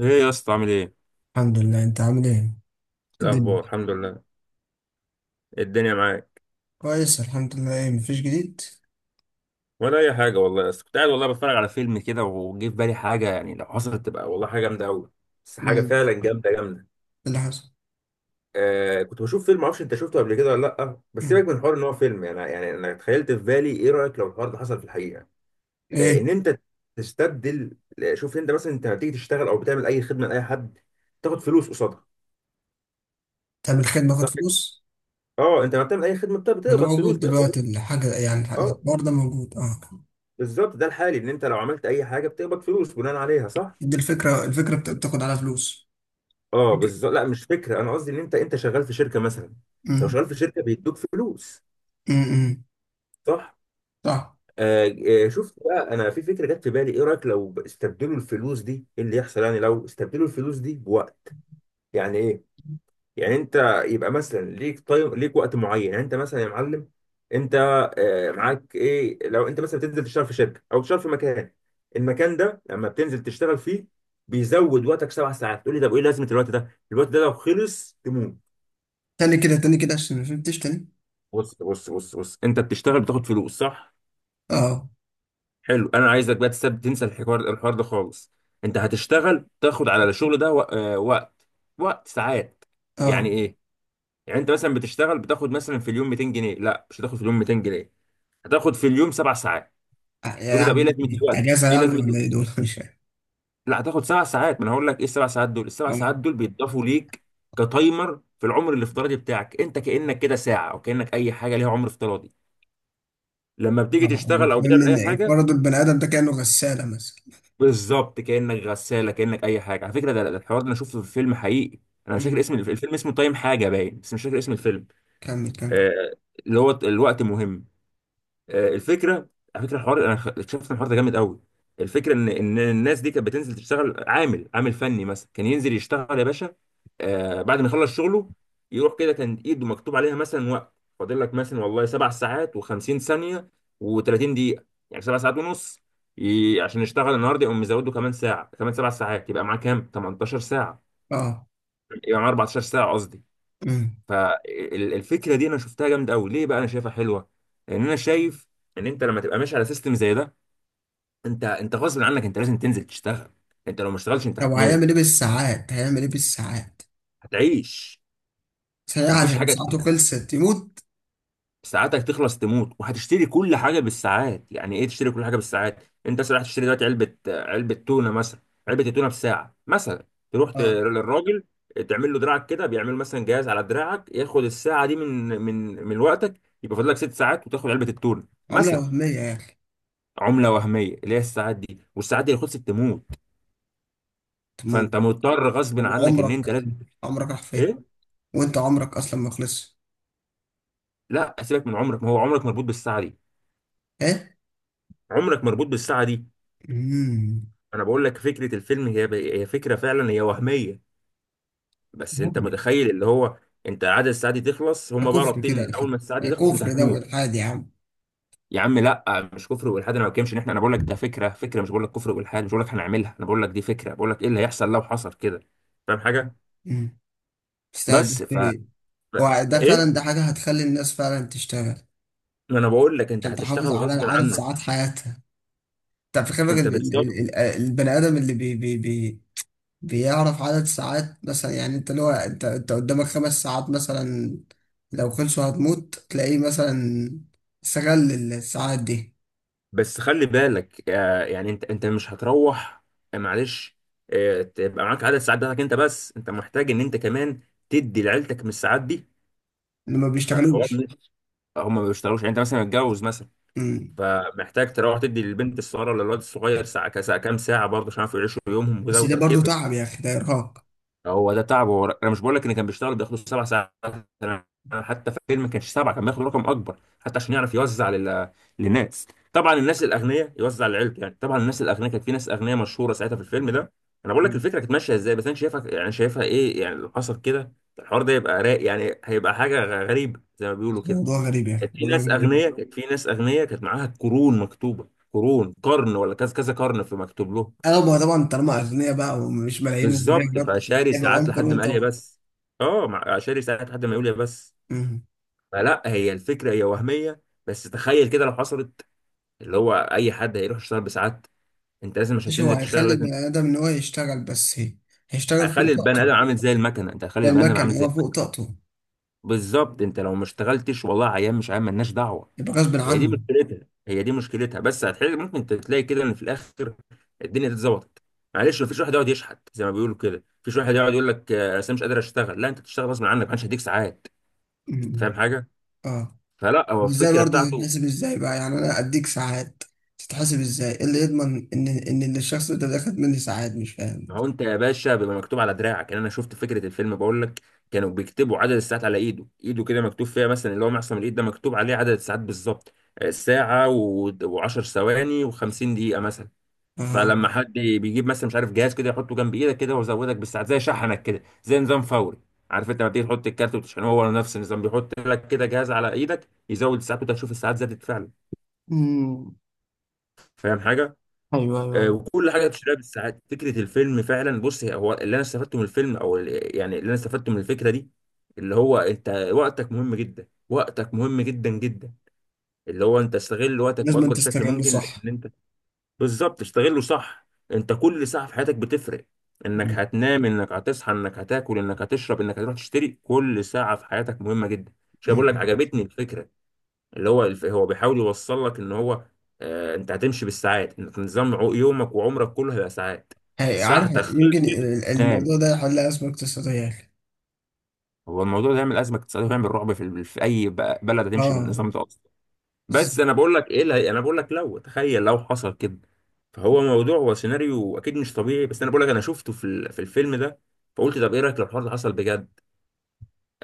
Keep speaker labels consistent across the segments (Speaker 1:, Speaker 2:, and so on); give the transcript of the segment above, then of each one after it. Speaker 1: ايه يا اسطى عامل ايه؟
Speaker 2: الحمد لله، انت عامل ايه؟ الدنيا
Speaker 1: الاخبار الحمد لله. إيه الدنيا معاك؟
Speaker 2: كويس الحمد لله. ايه، مفيش جديد.
Speaker 1: ولا اي حاجه والله يا اسطى، كنت قاعد والله بتفرج على فيلم كده، وجه في بالي حاجه، يعني لو حصلت تبقى والله حاجه جامده قوي. بس
Speaker 2: مم.
Speaker 1: حاجه
Speaker 2: إيه
Speaker 1: فعلا جامده جامده.
Speaker 2: اللي حصل؟
Speaker 1: آه، كنت بشوف فيلم، معرفش انت شفته قبل كده ولا لا، بس
Speaker 2: مم.
Speaker 1: سيبك من حوار ان هو فيلم، يعني انا تخيلت في بالي، ايه رايك لو الحوار ده حصل في الحقيقه؟ آه، ان
Speaker 2: ايه؟
Speaker 1: انت تستبدل. شوف انت مثلا، انت هتيجي تشتغل او بتعمل اي خدمه لاي حد، تاخد فلوس قصادها
Speaker 2: تعمل خدمه باخد
Speaker 1: صح كده؟
Speaker 2: فلوس.
Speaker 1: اه، انت لما بتعمل اي خدمه
Speaker 2: ما ده
Speaker 1: بتقبض فلوس
Speaker 2: موجود
Speaker 1: بقى.
Speaker 2: دلوقتي الحاجه، يعني
Speaker 1: اه
Speaker 2: الحوار ده موجود اه.
Speaker 1: بالظبط، ده الحالي، ان انت لو عملت اي حاجه بتقبض فلوس بناء عليها صح.
Speaker 2: دي الفكره، بتاخد على فلوس.
Speaker 1: اه
Speaker 2: فكرة.
Speaker 1: بالظبط. لا مش فكره، انا قصدي ان انت شغال في شركه مثلا. لو
Speaker 2: امم
Speaker 1: شغال في شركه بيدوك فلوس
Speaker 2: امم
Speaker 1: صح.
Speaker 2: صح.
Speaker 1: آه. شفت بقى، انا في فكره جت في بالي، ايه رايك لو استبدلوا الفلوس دي؟ ايه اللي يحصل يعني لو استبدلوا الفلوس دي بوقت؟ يعني ايه؟ يعني انت يبقى مثلا ليك، طيب ليك وقت معين، يعني انت مثلا يا معلم، انت، معاك ايه؟ لو انت مثلا بتنزل تشتغل في شركه او تشتغل في مكان، المكان ده لما بتنزل تشتغل فيه بيزود وقتك 7 ساعات. تقول لي طب ايه لازمه الوقت ده؟ الوقت ده لو خلص تموت.
Speaker 2: تاني كده، تاني كده، عشان ما فهمتش. تاني
Speaker 1: بص بص بص بص، انت بتشتغل بتاخد فلوس صح.
Speaker 2: اه.
Speaker 1: حلو، انا عايزك بقى تسيب تنسى الحوار ده خالص. انت هتشتغل تاخد على الشغل ده وقت، وقت ساعات. يعني
Speaker 2: اه،
Speaker 1: ايه؟ يعني انت مثلا بتشتغل بتاخد مثلا في اليوم 200 جنيه، لا مش هتاخد في اليوم 200 جنيه، هتاخد في اليوم 7 ساعات. تقول لي طب ايه
Speaker 2: يعني
Speaker 1: لازمه الوقت؟
Speaker 2: اجازه
Speaker 1: ايه
Speaker 2: يعني،
Speaker 1: لازمه
Speaker 2: ولا ايه دول؟ مش فاهم.
Speaker 1: لا هتاخد سبع ساعات، ما انا هقول لك ايه ال7 ساعات دول. ال7 ساعات
Speaker 2: اه.
Speaker 1: دول بيتضافوا ليك كتايمر في العمر الافتراضي بتاعك، انت كانك كده ساعه، او كانك اي حاجه ليها عمر افتراضي لما
Speaker 2: آه،
Speaker 1: بتيجي
Speaker 2: يعني
Speaker 1: تشتغل او
Speaker 2: فاهمني
Speaker 1: بتعمل اي
Speaker 2: ان
Speaker 1: حاجه.
Speaker 2: فرضوا البني ادم ده كانه غساله مثلا.
Speaker 1: بالظبط، كانك غساله، كانك اي حاجه. على فكره ده الحوار ده انا شفته في فيلم حقيقي. انا مش فاكر
Speaker 2: امم
Speaker 1: اسم الفيلم، اسمه تايم حاجه باين، بس مش فاكر اسم الفيلم.
Speaker 2: كمل كمل.
Speaker 1: آه، اللي هو الوقت مهم. الفكره، على فكره الحوار، انا اكتشفت إن الحوار ده جامد قوي. الفكره ان الناس دي كانت بتنزل تشتغل، عامل فني مثلا كان ينزل يشتغل يا باشا. بعد ما يخلص شغله يروح كده، كان ايده مكتوب عليها مثلا وقت. فاضل لك مثلا والله 7 ساعات و50 ثانيه و30 دقيقه، يعني 7 ساعات ونص. عشان يشتغل النهارده يقوم مزوده كمان ساعه، كمان 7 ساعات، يبقى معاه كام؟ 18 ساعه.
Speaker 2: اه.
Speaker 1: يبقى معاه 14 ساعه قصدي. فالفكره دي انا شفتها جامده قوي. ليه بقى انا شايفها حلوه؟ لان انا شايف ان انت لما تبقى ماشي على سيستم زي ده، انت غصب عنك انت لازم تنزل تشتغل. انت لو ما اشتغلتش انت
Speaker 2: لو هيعمل ايه
Speaker 1: هتموت.
Speaker 2: بالساعات؟ هيعمل ايه بالساعات؟
Speaker 1: هتعيش
Speaker 2: ساعات،
Speaker 1: مفيش
Speaker 2: لو
Speaker 1: حاجه
Speaker 2: ساعته
Speaker 1: تشتريها.
Speaker 2: خلصت يموت؟
Speaker 1: ساعاتك تخلص تموت، وهتشتري كل حاجه بالساعات. يعني ايه تشتري كل حاجه بالساعات؟ انت مثلا رايح تشتري دلوقتي علبه، تونه مثلا. علبه التونه بساعه مثلا. تروح
Speaker 2: اه.
Speaker 1: للراجل، تعمل له دراعك كده، بيعمل مثلا جهاز على دراعك ياخد الساعه دي من وقتك، يبقى فاضل لك 6 ساعات وتاخد علبه التونه
Speaker 2: عملة
Speaker 1: مثلا.
Speaker 2: وهمية يا اخي.
Speaker 1: عمله وهميه اللي هي الساعات دي، والساعات دي لو خلصت تموت.
Speaker 2: تموت.
Speaker 1: فانت مضطر غصب
Speaker 2: طب
Speaker 1: عنك ان انت
Speaker 2: عمرك،
Speaker 1: لازم.
Speaker 2: عمرك راح فين؟
Speaker 1: ايه؟
Speaker 2: وانت عمرك اصلا ما خلصش.
Speaker 1: لا سيبك من عمرك، ما هو عمرك مربوط بالساعه دي.
Speaker 2: ايه.
Speaker 1: عمرك مربوط بالساعه دي.
Speaker 2: امم
Speaker 1: انا بقول لك فكره الفيلم هي، هي فكره فعلا، هي وهميه، بس
Speaker 2: يا
Speaker 1: انت
Speaker 2: ابني،
Speaker 1: متخيل اللي هو انت عدد الساعات دي تخلص،
Speaker 2: ده
Speaker 1: هم بقى
Speaker 2: كفر
Speaker 1: رابطين
Speaker 2: كده يا
Speaker 1: إن
Speaker 2: اخي،
Speaker 1: اول ما الساعه دي
Speaker 2: ده
Speaker 1: تخلص انت
Speaker 2: كفر ده
Speaker 1: هتموت.
Speaker 2: والحاد يا عم.
Speaker 1: يا عم لا، مش كفر والحاد، انا ما بتكلمش ان احنا، انا بقول لك ده فكره، فكره، مش بقول لك كفر والحاد، مش بقول لك هنعملها، انا بقول لك دي فكره، بقول لك ايه اللي هيحصل لو حصل كده. فاهم حاجه؟
Speaker 2: امم تستهبل
Speaker 1: بس
Speaker 2: ايه. هو ده فعلا،
Speaker 1: ايه،
Speaker 2: ده حاجة هتخلي الناس فعلا تشتغل،
Speaker 1: ما انا بقول لك انت
Speaker 2: عشان
Speaker 1: هتشتغل
Speaker 2: تحافظ على
Speaker 1: غصب
Speaker 2: عدد
Speaker 1: عنك.
Speaker 2: ساعات حياتها. انت في خبرك
Speaker 1: انت بالظبط.
Speaker 2: البني ادم اللي بي بي بي بيعرف عدد ساعات، مثلا يعني انت اللي هو انت قدامك 5 ساعات مثلا، لو خلصوا هتموت. تلاقيه مثلا استغل الساعات دي،
Speaker 1: بس خلي بالك، يعني انت مش هتروح، معلش، تبقى معاك عدد ساعات بتاعتك انت، بس انت محتاج ان انت كمان تدي لعيلتك من الساعات دي.
Speaker 2: اللي ما
Speaker 1: فالحوار
Speaker 2: بيشتغلوش.
Speaker 1: مش، هم ما بيشتغلوش، يعني انت مثلا متجوز مثلا،
Speaker 2: مم.
Speaker 1: فمحتاج تروح تدي للبنت الصغيره ولا الولد الصغير ساعه، كساعة كام ساعه برضه، عشان يعرفوا يعيشوا يومهم، وده
Speaker 2: بس ده
Speaker 1: وده
Speaker 2: برضو
Speaker 1: كده.
Speaker 2: تعب يا اخي، ده ارهاق.
Speaker 1: هو ده تعبه، انا مش بقول لك ان كان بيشتغل بياخده سبع ساعات، انا، حتى في الفيلم ما كانش سبعه، كان بياخد رقم اكبر حتى عشان يعرف يوزع لل... للناس. طبعا الناس الاغنياء يوزع لعيلته، يعني طبعا الناس الاغنياء، كانت في ناس اغنياء مشهوره ساعتها في الفيلم ده. انا بقول لك
Speaker 2: مم.
Speaker 1: الفكره كانت ماشيه ازاي، بس انا شايفها، يعني شايفها ايه يعني لو حصل كده. الحوار ده يبقى رايق يعني، هيبقى حاجه غريبه زي ما بيقولوا كده.
Speaker 2: موضوع غريب يا اخي،
Speaker 1: كانت في
Speaker 2: موضوع
Speaker 1: ناس
Speaker 2: غريب جدا.
Speaker 1: اغنياء، كانت معاها قرون مكتوبه، قرون، قرن ولا كذا كذا قرن في مكتوب لهم.
Speaker 2: اغلبها طبعا طالما اغنياء بقى، ومش ملايين
Speaker 1: بالظبط،
Speaker 2: ومليون.
Speaker 1: فشاري
Speaker 2: هيبقى
Speaker 1: ساعات
Speaker 2: معاهم
Speaker 1: لحد
Speaker 2: قانون
Speaker 1: ما قال يا
Speaker 2: طبعا.
Speaker 1: بس. اه شاري ساعات لحد ما يقول يا بس.
Speaker 2: مم.
Speaker 1: فلا، هي الفكره هي وهميه، بس تخيل كده لو حصلت، اللي هو اي حد هيروح يشتغل بساعات، انت لازم عشان
Speaker 2: مش هو
Speaker 1: تنزل تشتغل
Speaker 2: هيخلي
Speaker 1: لازم.
Speaker 2: البني ادم ان هو يشتغل بس، هي. هيشتغل
Speaker 1: هيخلي
Speaker 2: فوق
Speaker 1: البني
Speaker 2: طاقته.
Speaker 1: ادم عامل زي المكنه، انت هتخلي
Speaker 2: ده
Speaker 1: البني ادم عامل
Speaker 2: المكن
Speaker 1: زي
Speaker 2: هو
Speaker 1: المكنه.
Speaker 2: فوق طاقته.
Speaker 1: بالظبط، انت لو ما اشتغلتش والله، عيان مش عيان مالناش دعوه.
Speaker 2: يبقى غصب عنه.
Speaker 1: هي دي مشكلتها، بس هتحل، ممكن تلاقي كده ان في الاخر الدنيا اتظبطت. معلش، مفيش واحد يقعد يشحت زي ما بيقولوا كده، مفيش واحد يقعد يقول لك انا مش قادر اشتغل، لا انت بتشتغل غصب عنك، محدش هيديك ساعات.
Speaker 2: مم.
Speaker 1: فاهم حاجه؟
Speaker 2: اه.
Speaker 1: فلا، هو
Speaker 2: ازاي
Speaker 1: الفكره
Speaker 2: برضه
Speaker 1: بتاعته.
Speaker 2: تتحسب؟ ازاي بقى يعني انا اديك ساعات؟ تتحسب ازاي؟ إيه اللي يضمن ان اللي الشخص ده خد مني ساعات؟ مش فاهم.
Speaker 1: ما هو انت يا باشا بيبقى مكتوب على دراعك، يعني انا شفت فكره الفيلم بقول لك، كانوا بيكتبوا عدد الساعات على ايده، ايده كده مكتوب فيها مثلا، اللي هو معصم الايد ده مكتوب عليه عدد الساعات بالظبط، ساعه و10 ثواني و50 دقيقه مثلا.
Speaker 2: اه.
Speaker 1: فلما حد بيجيب مثلا، مش عارف، جهاز كده يحطه جنب ايدك كده ويزودك بالساعات، زي شحنك كده، زي نظام فوري، عارف انت لما بتيجي تحط الكارت وتشحنه؟ هو نفس النظام، بيحط لك كده جهاز على ايدك يزود الساعات، وانت تشوف الساعات زادت فعلا.
Speaker 2: امم
Speaker 1: فاهم حاجه؟
Speaker 2: ايوه، ايوه، أيوة.
Speaker 1: وكل حاجه بتشتريها بالساعات، فكره الفيلم فعلا. بص هو اللي انا استفدته من الفيلم يعني اللي انا استفدته من الفكره دي، اللي هو انت وقتك مهم جدا، وقتك مهم جدا جدا، اللي هو انت استغل وقتك
Speaker 2: لازم أن
Speaker 1: باكبر شكل
Speaker 2: تستغله
Speaker 1: ممكن
Speaker 2: صح.
Speaker 1: لان انت، بالظبط، استغله صح. انت كل ساعه في حياتك بتفرق، انك
Speaker 2: مم.
Speaker 1: هتنام، انك هتصحى، انك هتاكل، انك هتشرب، انك هتروح تشتري. كل ساعه في حياتك مهمه جدا. مش
Speaker 2: مم.
Speaker 1: بقول لك
Speaker 2: مم.
Speaker 1: عجبتني الفكره، اللي هو هو بيحاول يوصل لك ان هو، انت هتمشي بالساعات، انت نظام يومك وعمرك كله هيبقى ساعات.
Speaker 2: هي، عارف
Speaker 1: ساعتك
Speaker 2: يمكن
Speaker 1: خلصت
Speaker 2: الموضوع
Speaker 1: تنام.
Speaker 2: ده يحلها أزمة اقتصادية يا أخي.
Speaker 1: هو الموضوع ده يعمل ازمه اقتصاديه ويعمل رعب في، في اي بلد هتمشي
Speaker 2: اه.
Speaker 1: بالنظام ده اصلا.
Speaker 2: بس
Speaker 1: بس انا بقول لك ايه انا بقول لك لو تخيل لو حصل كده، فهو موضوع، هو سيناريو اكيد مش طبيعي، بس انا بقول لك انا شفته في في الفيلم ده. فقلت طب ايه رايك لو الحوار ده حصل بجد؟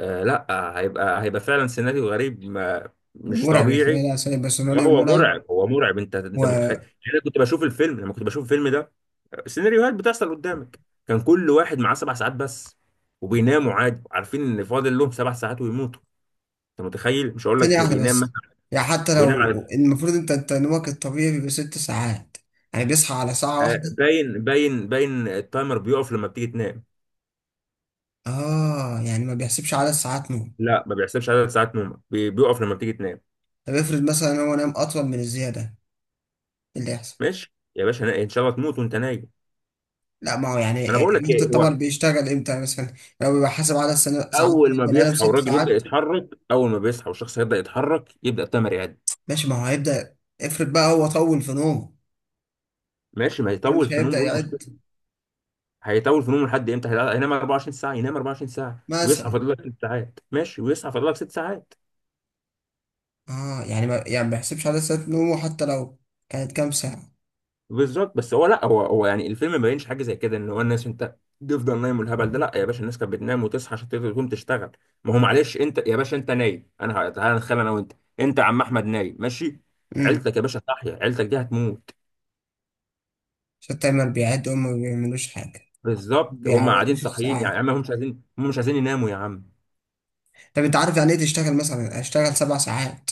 Speaker 1: آه لا، هيبقى فعلا سيناريو غريب، ما مش
Speaker 2: مرعب يا أخي،
Speaker 1: طبيعي.
Speaker 2: لا لا، سوري بس
Speaker 1: اه
Speaker 2: مرعب،
Speaker 1: هو
Speaker 2: ومرعب.
Speaker 1: مرعب، هو مرعب. انت انت متخيل؟
Speaker 2: وثانية
Speaker 1: يعني انا كنت بشوف الفيلم، لما كنت بشوف الفيلم ده، السيناريوهات بتحصل قدامك، كان كل واحد معاه 7 ساعات بس، وبيناموا عادي عارفين ان فاضل لهم 7 ساعات ويموتوا. انت متخيل؟ مش هقول لك
Speaker 2: واحدة
Speaker 1: بينام
Speaker 2: بس.
Speaker 1: مثلا،
Speaker 2: يعني حتى
Speaker 1: بينام
Speaker 2: لو
Speaker 1: على،
Speaker 2: المفروض أنت نومك الطبيعي بيبقى 6 ساعات. يعني بيصحى على ساعة واحدة.
Speaker 1: باين التايمر بيقف لما بتيجي تنام.
Speaker 2: اه، يعني ما بيحسبش عدد ساعات نوم.
Speaker 1: لا ما بيحسبش عدد ساعات نومك، بيقف لما بتيجي تنام.
Speaker 2: طب افرض مثلا هو نام اطول من الزياده، إيه اللي يحصل؟
Speaker 1: ماشي يا باشا، ان شاء الله تموت وانت نايم.
Speaker 2: لا، ما هو
Speaker 1: ما انا
Speaker 2: يعني
Speaker 1: بقول لك
Speaker 2: ليميت
Speaker 1: ايه
Speaker 2: الطبق
Speaker 1: هو،
Speaker 2: بيشتغل امتى مثلا؟ لو بيبقى حاسب عدد ساعات،
Speaker 1: اول ما
Speaker 2: بني ادم
Speaker 1: بيصحى
Speaker 2: ست
Speaker 1: والراجل يبدا
Speaker 2: ساعات
Speaker 1: يتحرك، اول ما بيصحى والشخص يبدا يتحرك، يبدا التايمر يعد.
Speaker 2: ماشي، ما هو هيبدا. افرض بقى هو طول في نومه،
Speaker 1: ماشي، ما
Speaker 2: يعني
Speaker 1: يطول
Speaker 2: مش
Speaker 1: في نوم
Speaker 2: هيبدا
Speaker 1: قول.
Speaker 2: يعد
Speaker 1: هيطول في نومه لحد امتى؟ هينام 24 ساعه، ينام 24 ساعه ويصحى
Speaker 2: مثلا.
Speaker 1: فاضل لك ست ساعات، ماشي، ويصحى فاضل لك ست ساعات.
Speaker 2: اه، يعني ما، يعني ما بيحسبش عدد ساعات نومه، حتى لو كانت كام ساعه.
Speaker 1: بالظبط. بس هو لا، هو يعني الفيلم ما بينش حاجه زي كده ان هو الناس انت تفضل نايم والهبل ده. لا يا باشا، الناس كانت بتنام وتصحى عشان تقدر تقوم تشتغل. ما هو معلش، انت يا باشا انت نايم، انا تعالى نتخيل انا وانت، انت يا عم احمد نايم ماشي،
Speaker 2: امم
Speaker 1: عيلتك يا باشا صاحيه، عيلتك دي هتموت.
Speaker 2: عشان التايمر بيعد وهم ما بيعملوش حاجه،
Speaker 1: بالظبط، هم قاعدين
Speaker 2: بيعوضوش
Speaker 1: صاحيين.
Speaker 2: الساعات.
Speaker 1: يعني يا عم هم مش عايزين، يناموا يا عم.
Speaker 2: طب انت عارف يعني ايه؟ تشتغل مثلا، اشتغل 7 ساعات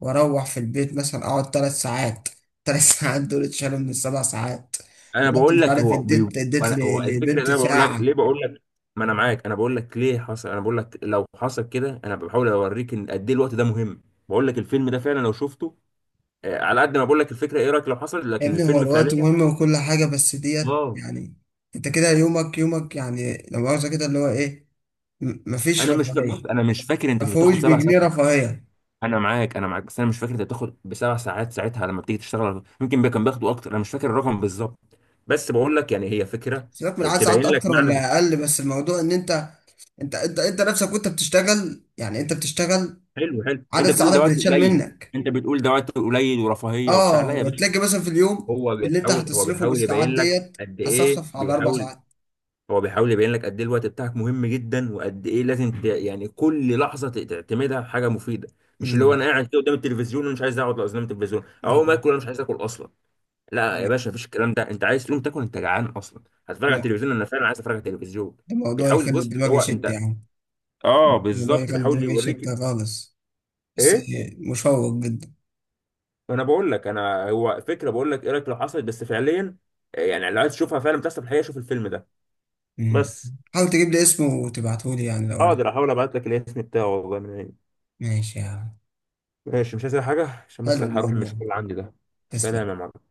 Speaker 2: واروح في البيت، مثلا اقعد 3 ساعات. ثلاث ساعات دول اتشالوا من السبع ساعات،
Speaker 1: انا
Speaker 2: ورحت
Speaker 1: بقول
Speaker 2: مش
Speaker 1: لك
Speaker 2: عارف
Speaker 1: هو بي...
Speaker 2: اديت
Speaker 1: هو الفكره ان
Speaker 2: لبنت
Speaker 1: انا بقول لك
Speaker 2: ساعة.
Speaker 1: ليه، بقول لك، ما انا معاك، انا بقول لك ليه حصل، انا بقول لك لو حصل كده انا بحاول اوريك ان قد ايه الوقت ده مهم. بقول لك الفيلم ده فعلا لو شفته. على قد ما بقول لك الفكره ايه رايك لو حصل،
Speaker 2: يا
Speaker 1: لكن
Speaker 2: ابني هو
Speaker 1: الفيلم
Speaker 2: الوقت
Speaker 1: فعليا.
Speaker 2: مهم وكل حاجة، بس ديت
Speaker 1: اه.
Speaker 2: يعني انت كده يومك، يومك، يعني لو مؤاخذة كده اللي هو ايه، مفيش
Speaker 1: انا مش فا- بص
Speaker 2: رفاهية.
Speaker 1: انا مش فاكر انت كنت
Speaker 2: مفهوش
Speaker 1: بتاخد 7 ساعات،
Speaker 2: بجنيه رفاهية.
Speaker 1: انا معاك، بس انا مش فاكر انت بتاخد بسبع ساعات ساعتها، لما بتيجي تشتغل ممكن كان بياخدوا اكتر، انا مش فاكر الرقم بالظبط، بس بقول لك يعني هي فكره.
Speaker 2: سيبك من عدد
Speaker 1: تبين
Speaker 2: ساعات
Speaker 1: لك
Speaker 2: اكتر
Speaker 1: معنى.
Speaker 2: ولا اقل، بس الموضوع ان انت نفسك وانت بتشتغل، يعني انت بتشتغل
Speaker 1: حلو حلو،
Speaker 2: عدد
Speaker 1: انت بتقول ده
Speaker 2: ساعاتك
Speaker 1: وقت
Speaker 2: بتتشال
Speaker 1: قليل،
Speaker 2: منك.
Speaker 1: ورفاهيه وبتاع. لا يا
Speaker 2: اه،
Speaker 1: باشا،
Speaker 2: تلاقي مثلا في اليوم
Speaker 1: هو
Speaker 2: اللي انت
Speaker 1: بيحاول هو
Speaker 2: هتصرفه
Speaker 1: بيحاول
Speaker 2: بالساعات
Speaker 1: يبين لك
Speaker 2: ديت
Speaker 1: قد ايه.
Speaker 2: هتصفصف على اربع
Speaker 1: بيحاول،
Speaker 2: ساعات
Speaker 1: هو بيحاول يبين لك قد ايه الوقت بتاعك مهم جدا، وقد ايه لازم ت... يعني كل لحظه تعتمدها حاجه مفيده. مش اللي هو
Speaker 2: امم
Speaker 1: انا قاعد كده قدام التلفزيون ومش عايز اقعد قدام التلفزيون، اقوم
Speaker 2: امم.
Speaker 1: اكل انا مش عايز اكل اصلا. لا يا
Speaker 2: لا،
Speaker 1: باشا مفيش الكلام ده، انت عايز تقوم تاكل انت جعان اصلا، هتتفرج
Speaker 2: ده
Speaker 1: على التلفزيون انا فعلا عايز اتفرج على التلفزيون.
Speaker 2: ده موضوع
Speaker 1: بيحاول،
Speaker 2: يخلي
Speaker 1: بص
Speaker 2: الدماغ
Speaker 1: هو
Speaker 2: يشت يا
Speaker 1: انت،
Speaker 2: عم.
Speaker 1: اه
Speaker 2: موضوع
Speaker 1: بالظبط
Speaker 2: يخلي
Speaker 1: بيحاول
Speaker 2: الدماغ يشت
Speaker 1: يوريك.
Speaker 2: خالص. بس
Speaker 1: ايه؟
Speaker 2: مشوق جدا.
Speaker 1: انا بقول لك انا، هو فكره، بقول لك ايه رايك لو حصلت بس فعليا، يعني لو عايز تشوفها فعلا بتحصل في الحقيقه شوف الفيلم ده.
Speaker 2: امم.
Speaker 1: بس.
Speaker 2: حاول تجيب لي اسمه وتبعته لي يعني لو عرفت.
Speaker 1: اقدر احاول ابعت لك الاسم بتاعه والله من عيني.
Speaker 2: ماشي يا عم.
Speaker 1: ماشي، مش عايز أي حاجه عشان بس
Speaker 2: حلو
Speaker 1: أنا هروح
Speaker 2: الموضوع.
Speaker 1: المشوار اللي عندي ده. سلام
Speaker 2: تسلم.
Speaker 1: يا معلم.